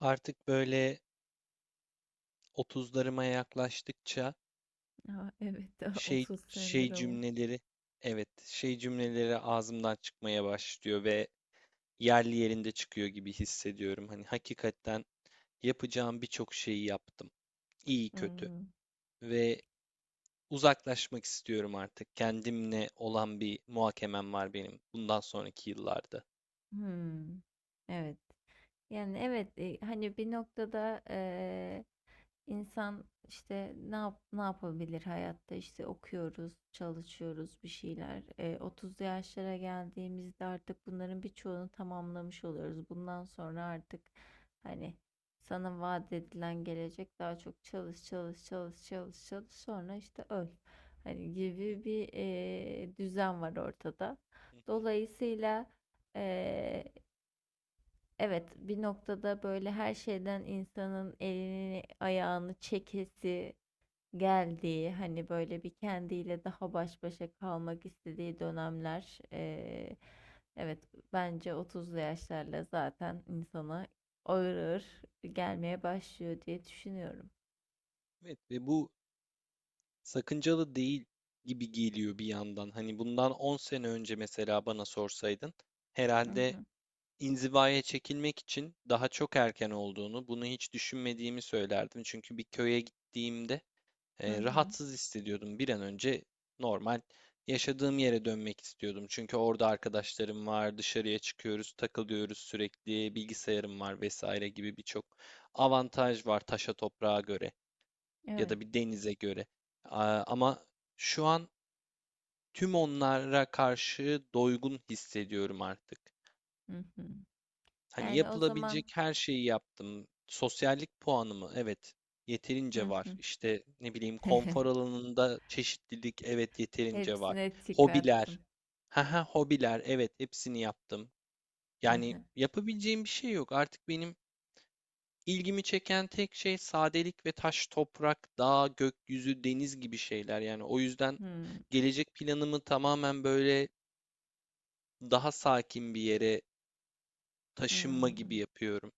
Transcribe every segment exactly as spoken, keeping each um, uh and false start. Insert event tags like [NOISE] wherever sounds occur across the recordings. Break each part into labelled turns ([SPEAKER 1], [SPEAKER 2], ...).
[SPEAKER 1] Artık böyle otuzlarıma yaklaştıkça
[SPEAKER 2] A, evet, [LAUGHS]
[SPEAKER 1] şey
[SPEAKER 2] otuz
[SPEAKER 1] şey
[SPEAKER 2] sendromu.
[SPEAKER 1] cümleleri evet şey cümleleri ağzımdan çıkmaya başlıyor ve yerli yerinde çıkıyor gibi hissediyorum. Hani hakikaten yapacağım birçok şeyi yaptım. İyi kötü
[SPEAKER 2] Hımm.
[SPEAKER 1] ve uzaklaşmak istiyorum artık. Kendimle olan bir muhakemem var benim bundan sonraki yıllarda.
[SPEAKER 2] Hımm. Evet. Yani, evet, eee, hani, bir noktada, İnsan işte ne yap, ne yapabilir hayatta işte okuyoruz, çalışıyoruz bir şeyler. E, otuzlu yaşlara geldiğimizde artık bunların birçoğunu tamamlamış oluyoruz. Bundan sonra artık hani sana vaat edilen gelecek daha çok çalış çalış çalış çalış çalış sonra işte öl. Hani gibi bir e, düzen var ortada.
[SPEAKER 1] [LAUGHS]
[SPEAKER 2] Dolayısıyla, e, Evet, bir noktada böyle her şeyden insanın elini ayağını çekesi geldiği, hani böyle bir kendiyle daha baş başa kalmak istediği dönemler, eee, evet bence otuzlu yaşlarla zaten insana ağır ağır gelmeye başlıyor diye düşünüyorum.
[SPEAKER 1] Evet ve bu sakıncalı değil gibi geliyor bir yandan. Hani bundan on sene önce mesela bana sorsaydın,
[SPEAKER 2] Hı
[SPEAKER 1] herhalde
[SPEAKER 2] hı,
[SPEAKER 1] inzivaya çekilmek için daha çok erken olduğunu, bunu hiç düşünmediğimi söylerdim. Çünkü bir köye gittiğimde
[SPEAKER 2] hı
[SPEAKER 1] e,
[SPEAKER 2] hı,
[SPEAKER 1] rahatsız hissediyordum. Bir an önce normal yaşadığım yere dönmek istiyordum. Çünkü orada arkadaşlarım var, dışarıya çıkıyoruz, takılıyoruz sürekli, bilgisayarım var vesaire gibi birçok avantaj var taşa toprağa göre ya
[SPEAKER 2] evet.
[SPEAKER 1] da bir denize göre. A- Ama şu an tüm onlara karşı doygun hissediyorum artık.
[SPEAKER 2] Hı hı.
[SPEAKER 1] Hani
[SPEAKER 2] Yani o zaman,
[SPEAKER 1] yapılabilecek her şeyi yaptım. Sosyallik puanımı, evet, yeterince
[SPEAKER 2] hı
[SPEAKER 1] var.
[SPEAKER 2] hı.
[SPEAKER 1] İşte ne bileyim, konfor
[SPEAKER 2] [LAUGHS]
[SPEAKER 1] alanında çeşitlilik, evet, yeterince var.
[SPEAKER 2] Hepsine tik
[SPEAKER 1] Hobiler.
[SPEAKER 2] attın.
[SPEAKER 1] Haha, hobiler, evet, hepsini yaptım.
[SPEAKER 2] [LAUGHS]
[SPEAKER 1] Yani
[SPEAKER 2] Hı.
[SPEAKER 1] yapabileceğim bir şey yok artık benim. İlgimi çeken tek şey sadelik ve taş, toprak, dağ, gökyüzü, deniz gibi şeyler. Yani o yüzden gelecek planımı tamamen böyle daha sakin bir yere
[SPEAKER 2] Hı, hı.
[SPEAKER 1] taşınma gibi yapıyorum.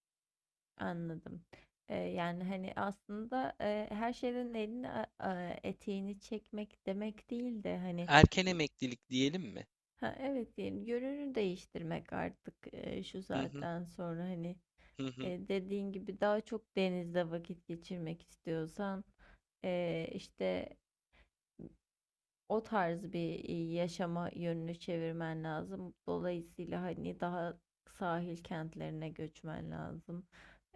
[SPEAKER 2] Anladım. Eee, yani, hani, aslında, eee, her şeyden elini, a aaa, eteğini çekmek demek değil de, hani,
[SPEAKER 1] Erken emeklilik diyelim mi?
[SPEAKER 2] ha, evet, diyelim, yönünü değiştirmek artık, eee, şu
[SPEAKER 1] Hı hı,
[SPEAKER 2] saatten sonra, hani,
[SPEAKER 1] hı hı.
[SPEAKER 2] eee, dediğin gibi daha çok denizde vakit geçirmek istiyorsan, eee, işte o tarz bir e, yaşama yönünü çevirmen lazım. Dolayısıyla hani daha sahil kentlerine göçmen lazım.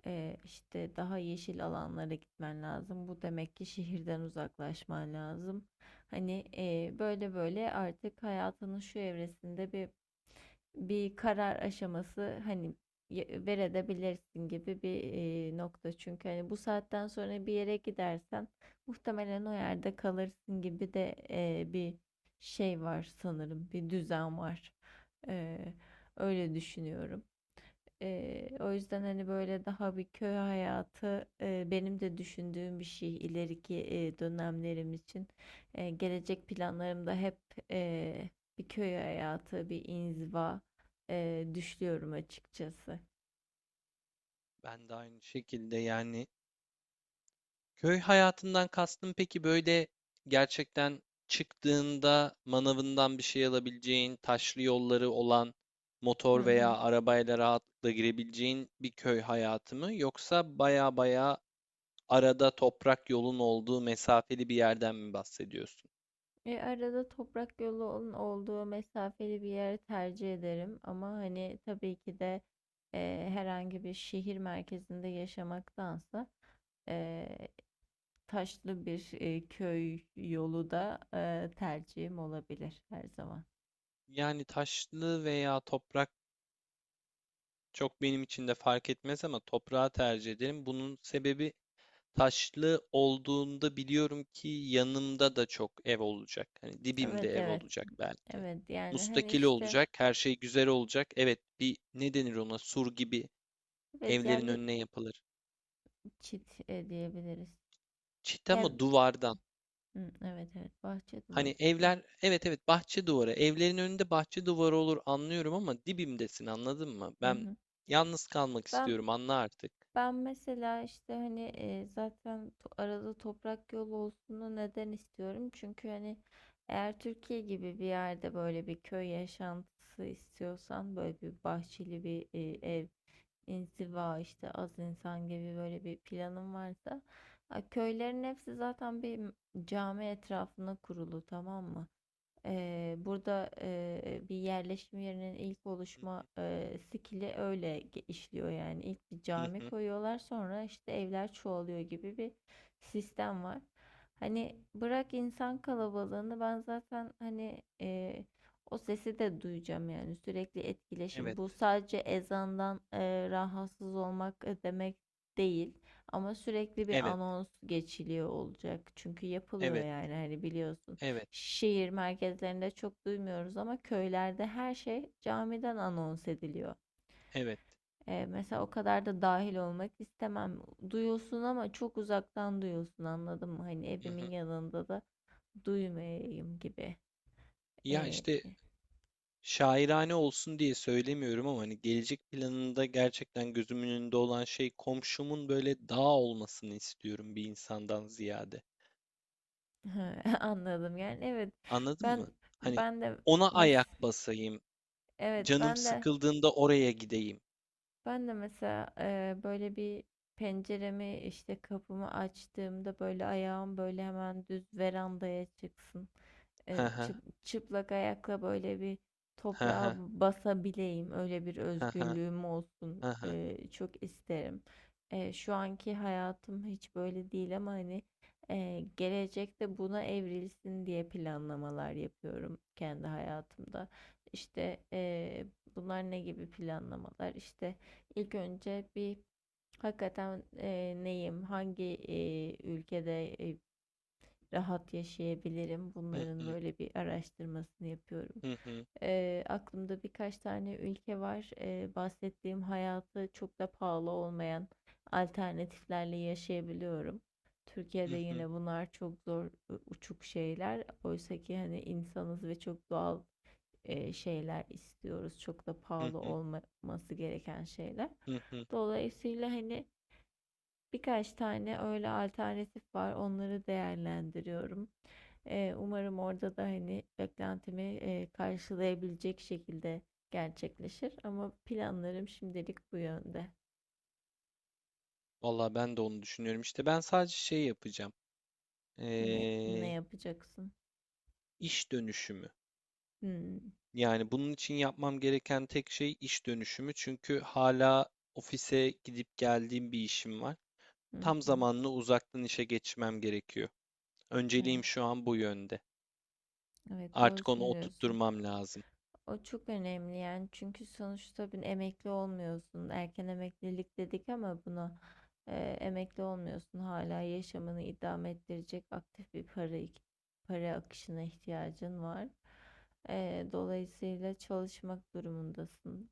[SPEAKER 2] Ee, işte daha yeşil alanlara gitmen lazım. Bu demek ki şehirden uzaklaşman lazım. Hani e, böyle böyle artık hayatının şu evresinde bir bir karar aşaması, hani y- verebilirsin gibi bir e, nokta. Çünkü hani bu saatten sonra bir yere gidersen muhtemelen o yerde kalırsın gibi de e, bir şey var sanırım. Bir düzen var. E, öyle düşünüyorum. E, o yüzden hani böyle daha bir köy hayatı e, benim de düşündüğüm bir şey ileriki e, dönemlerim için. E, gelecek planlarımda hep e, bir köy hayatı, bir inziva e, düşünüyorum açıkçası.
[SPEAKER 1] Ben de aynı şekilde. Yani, köy hayatından kastın peki böyle gerçekten çıktığında manavından bir şey alabileceğin, taşlı yolları olan, motor
[SPEAKER 2] Hı hı.
[SPEAKER 1] veya arabayla rahatlıkla girebileceğin bir köy hayatı mı? Yoksa baya baya arada toprak yolun olduğu mesafeli bir yerden mi bahsediyorsun?
[SPEAKER 2] E, arada toprak yolun olduğu mesafeli bir yer tercih ederim. Ama hani, tabii ki de, e, herhangi bir şehir merkezinde yaşamaktansa e, taşlı bir e, köy yolu da e, tercihim olabilir her zaman.
[SPEAKER 1] Yani taşlı veya toprak çok benim için de fark etmez ama toprağı tercih ederim. Bunun sebebi, taşlı olduğunda biliyorum ki yanımda da çok ev olacak. Hani dibimde
[SPEAKER 2] Evet,
[SPEAKER 1] ev
[SPEAKER 2] evet.
[SPEAKER 1] olacak belki.
[SPEAKER 2] Evet, yani hani
[SPEAKER 1] Mustakil
[SPEAKER 2] işte,
[SPEAKER 1] olacak, her şey güzel olacak. Evet, bir ne denir ona? Sur gibi
[SPEAKER 2] evet yani
[SPEAKER 1] evlerin
[SPEAKER 2] bir
[SPEAKER 1] önüne yapılır.
[SPEAKER 2] çit e, diyebiliriz.
[SPEAKER 1] Çit ama
[SPEAKER 2] Yani
[SPEAKER 1] duvardan.
[SPEAKER 2] hı, evet evet, bahçe duvarı
[SPEAKER 1] Hani
[SPEAKER 2] işte.
[SPEAKER 1] evler, evet, evet, bahçe duvarı. Evlerin önünde bahçe duvarı olur, anlıyorum, ama dibimdesin, anladın mı?
[SPEAKER 2] Hı
[SPEAKER 1] Ben
[SPEAKER 2] hı.
[SPEAKER 1] yalnız kalmak
[SPEAKER 2] Ben
[SPEAKER 1] istiyorum, anla artık.
[SPEAKER 2] Ben mesela, işte hani, e, zaten to- arada toprak yolu olsun, neden istiyorum? Çünkü hani eğer Türkiye gibi bir yerde böyle bir köy yaşantısı istiyorsan, böyle bir bahçeli bir e, ev, inziva işte az insan gibi böyle bir planın varsa, a, köylerin hepsi zaten bir m- cami etrafına kurulu, tamam mı? Eee, burada eee, bir yerleşim yerinin ilk oluşma
[SPEAKER 1] Hı
[SPEAKER 2] eee skili öyle ge- işliyor yani. İlk bir
[SPEAKER 1] hı, hı
[SPEAKER 2] cami
[SPEAKER 1] hı.
[SPEAKER 2] koyuyorlar, sonra işte evler çoğalıyor gibi bir sistem var. Hani bırak insan kalabalığını, ben zaten hani eee, o sesi de duyacağım, yani sürekli etkileşim.
[SPEAKER 1] Evet,
[SPEAKER 2] Bu sadece ezandan eee, rahatsız olmak e, demek değil. Ama sürekli bir
[SPEAKER 1] evet,
[SPEAKER 2] anons geçiliyor olacak. Çünkü yapılıyor,
[SPEAKER 1] evet,
[SPEAKER 2] yani hani biliyorsun,
[SPEAKER 1] evet,
[SPEAKER 2] şehir merkezlerinde çok duymuyoruz ama köylerde her şey camiden anons ediliyor.
[SPEAKER 1] evet.
[SPEAKER 2] Ee, mesela o kadar da dahil olmak istemem. Duyulsun ama çok uzaktan duyulsun, anladın mı? Hani
[SPEAKER 1] Hı
[SPEAKER 2] evimin
[SPEAKER 1] hı.
[SPEAKER 2] yanında da duymayayım gibi.
[SPEAKER 1] Ya
[SPEAKER 2] Ee,
[SPEAKER 1] işte, şairane olsun diye söylemiyorum ama hani gelecek planında gerçekten gözümün önünde olan şey, komşumun böyle dağ olmasını istiyorum bir insandan ziyade.
[SPEAKER 2] [LAUGHS] Anladım, yani evet,
[SPEAKER 1] Anladın mı?
[SPEAKER 2] ben
[SPEAKER 1] Hani
[SPEAKER 2] ben de,
[SPEAKER 1] ona
[SPEAKER 2] mes
[SPEAKER 1] ayak basayım,
[SPEAKER 2] evet,
[SPEAKER 1] canım
[SPEAKER 2] ben de.
[SPEAKER 1] sıkıldığında oraya gideyim.
[SPEAKER 2] Ben de mesela eee, böyle bir penceremi, işte kapımı açtığımda, böyle ayağım böyle hemen düz verandaya çıksın.
[SPEAKER 1] Hı
[SPEAKER 2] Eee,
[SPEAKER 1] hı,
[SPEAKER 2] çı- çıplak ayakla böyle bir
[SPEAKER 1] hı
[SPEAKER 2] toprağa
[SPEAKER 1] hı,
[SPEAKER 2] basabileyim. Öyle bir
[SPEAKER 1] hı hı,
[SPEAKER 2] özgürlüğüm olsun.
[SPEAKER 1] hı hı,
[SPEAKER 2] Eee, çok isterim. Eee, şu anki hayatım hiç böyle değil ama hani eee, gelecekte buna evrilsin diye planlamalar yapıyorum kendi hayatımda. İşte eee, bunlar ne gibi planlamalar? İşte İlk önce bir, hakikaten e, neyim, hangi e, ülkede e, rahat yaşayabilirim,
[SPEAKER 1] hı
[SPEAKER 2] bunların
[SPEAKER 1] hı,
[SPEAKER 2] böyle bir araştırmasını yapıyorum.
[SPEAKER 1] hı hı,
[SPEAKER 2] E, aklımda birkaç tane ülke var. E, bahsettiğim hayatı çok da pahalı olmayan alternatiflerle yaşayabiliyorum. Türkiye'de
[SPEAKER 1] hı hı,
[SPEAKER 2] yine bunlar çok zor, e, uçuk şeyler. Oysa ki hani insanız ve çok doğal e, şeyler istiyoruz. Çok da
[SPEAKER 1] hı
[SPEAKER 2] pahalı
[SPEAKER 1] hı,
[SPEAKER 2] olmaması gereken şeyler.
[SPEAKER 1] hı hı.
[SPEAKER 2] Dolayısıyla hani birkaç tane öyle alternatif var. Onları değerlendiriyorum. E, umarım orada da hani beklentimi e, karşılayabilecek şekilde gerçekleşir. Ama planlarım şimdilik bu yönde.
[SPEAKER 1] Vallahi ben de onu düşünüyorum. İşte ben sadece şey yapacağım.
[SPEAKER 2] Ne, ne
[SPEAKER 1] Ee,
[SPEAKER 2] yapacaksın?
[SPEAKER 1] iş dönüşümü.
[SPEAKER 2] Hmm,
[SPEAKER 1] Yani bunun için yapmam gereken tek şey iş dönüşümü. Çünkü hala ofise gidip geldiğim bir işim var.
[SPEAKER 2] hı
[SPEAKER 1] Tam
[SPEAKER 2] hı.
[SPEAKER 1] zamanlı uzaktan işe geçmem gerekiyor. Önceliğim
[SPEAKER 2] Evet,
[SPEAKER 1] şu an bu yönde.
[SPEAKER 2] evet, doğru
[SPEAKER 1] Artık onu
[SPEAKER 2] söylüyorsun.
[SPEAKER 1] oturtturmam lazım.
[SPEAKER 2] O çok önemli, yani çünkü sonuçta bir emekli olmuyorsun. Erken emeklilik dedik ama buna e, emekli olmuyorsun. Hala yaşamını idame ettirecek aktif bir para para akışına ihtiyacın var. E, dolayısıyla çalışmak durumundasın.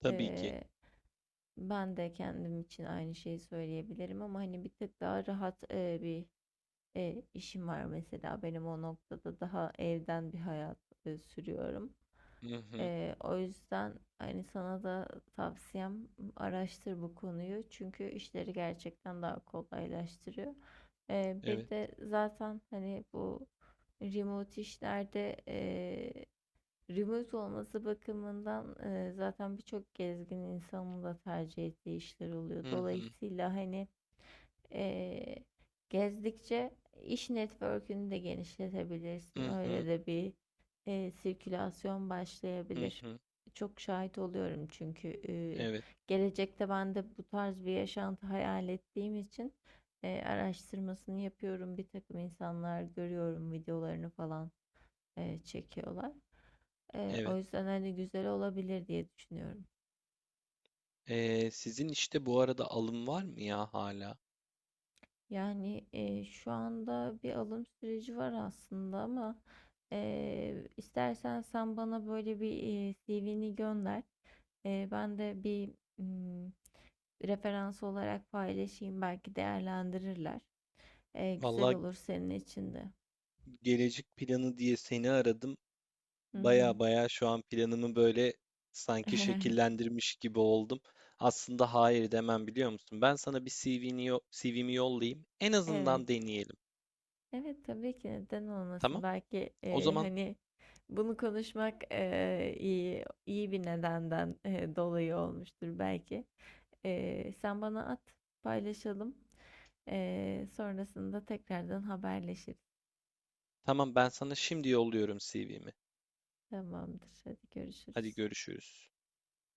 [SPEAKER 1] Tabii ki.
[SPEAKER 2] E, ben de kendim için aynı şeyi söyleyebilirim ama hani bir tık daha rahat e, bir e, işim var mesela benim, o noktada daha evden bir hayat e, sürüyorum.
[SPEAKER 1] Hı hı.
[SPEAKER 2] E, o yüzden hani sana da tavsiyem, araştır bu konuyu, çünkü işleri gerçekten daha kolaylaştırıyor. E,
[SPEAKER 1] Evet.
[SPEAKER 2] bir de zaten hani bu remote işlerde, e, remote olması bakımından e, zaten birçok gezgin insanın da tercih ettiği işler oluyor.
[SPEAKER 1] Hı hı.
[SPEAKER 2] Dolayısıyla hani Eee, gezdikçe iş network'ünü de genişletebilirsin.
[SPEAKER 1] Hı
[SPEAKER 2] Öyle
[SPEAKER 1] hı.
[SPEAKER 2] de bir eee, sirkülasyon
[SPEAKER 1] Hı
[SPEAKER 2] başlayabilir.
[SPEAKER 1] hı.
[SPEAKER 2] Çok şahit oluyorum çünkü eee,
[SPEAKER 1] Evet.
[SPEAKER 2] gelecekte ben de bu tarz bir yaşantı hayal ettiğim için eee, araştırmasını yapıyorum. Bir takım insanlar görüyorum, videolarını falan eee, çekiyorlar. Eee, o
[SPEAKER 1] Evet.
[SPEAKER 2] yüzden hani güzel olabilir diye düşünüyorum.
[SPEAKER 1] Ee, sizin işte bu arada alım var mı ya hala?
[SPEAKER 2] Yani e, şu anda bir alım süreci var aslında ama e, istersen sen bana böyle bir e, C V'ni gönder. E, ben de bir mm, referans olarak paylaşayım, belki değerlendirirler. E, güzel
[SPEAKER 1] Vallahi
[SPEAKER 2] olur senin için de.
[SPEAKER 1] gelecek planı diye seni aradım.
[SPEAKER 2] Hı hı.
[SPEAKER 1] Baya baya şu an planımı böyle sanki
[SPEAKER 2] [LAUGHS]
[SPEAKER 1] şekillendirmiş gibi oldum. Aslında hayır demem, biliyor musun? Ben sana bir C V'ni yo- C V'mi yollayayım. En
[SPEAKER 2] Evet.
[SPEAKER 1] azından deneyelim.
[SPEAKER 2] Evet, tabii ki, neden olmasın.
[SPEAKER 1] Tamam?
[SPEAKER 2] Belki
[SPEAKER 1] O
[SPEAKER 2] e,
[SPEAKER 1] zaman
[SPEAKER 2] hani bunu konuşmak e, iyi iyi bir nedenden e, dolayı olmuştur belki. Ee, sen bana at, paylaşalım. Ee, sonrasında tekrardan haberleşiriz.
[SPEAKER 1] tamam, ben sana şimdi yolluyorum C V'mi.
[SPEAKER 2] Tamamdır. Hadi
[SPEAKER 1] Hadi
[SPEAKER 2] görüşürüz.
[SPEAKER 1] görüşürüz.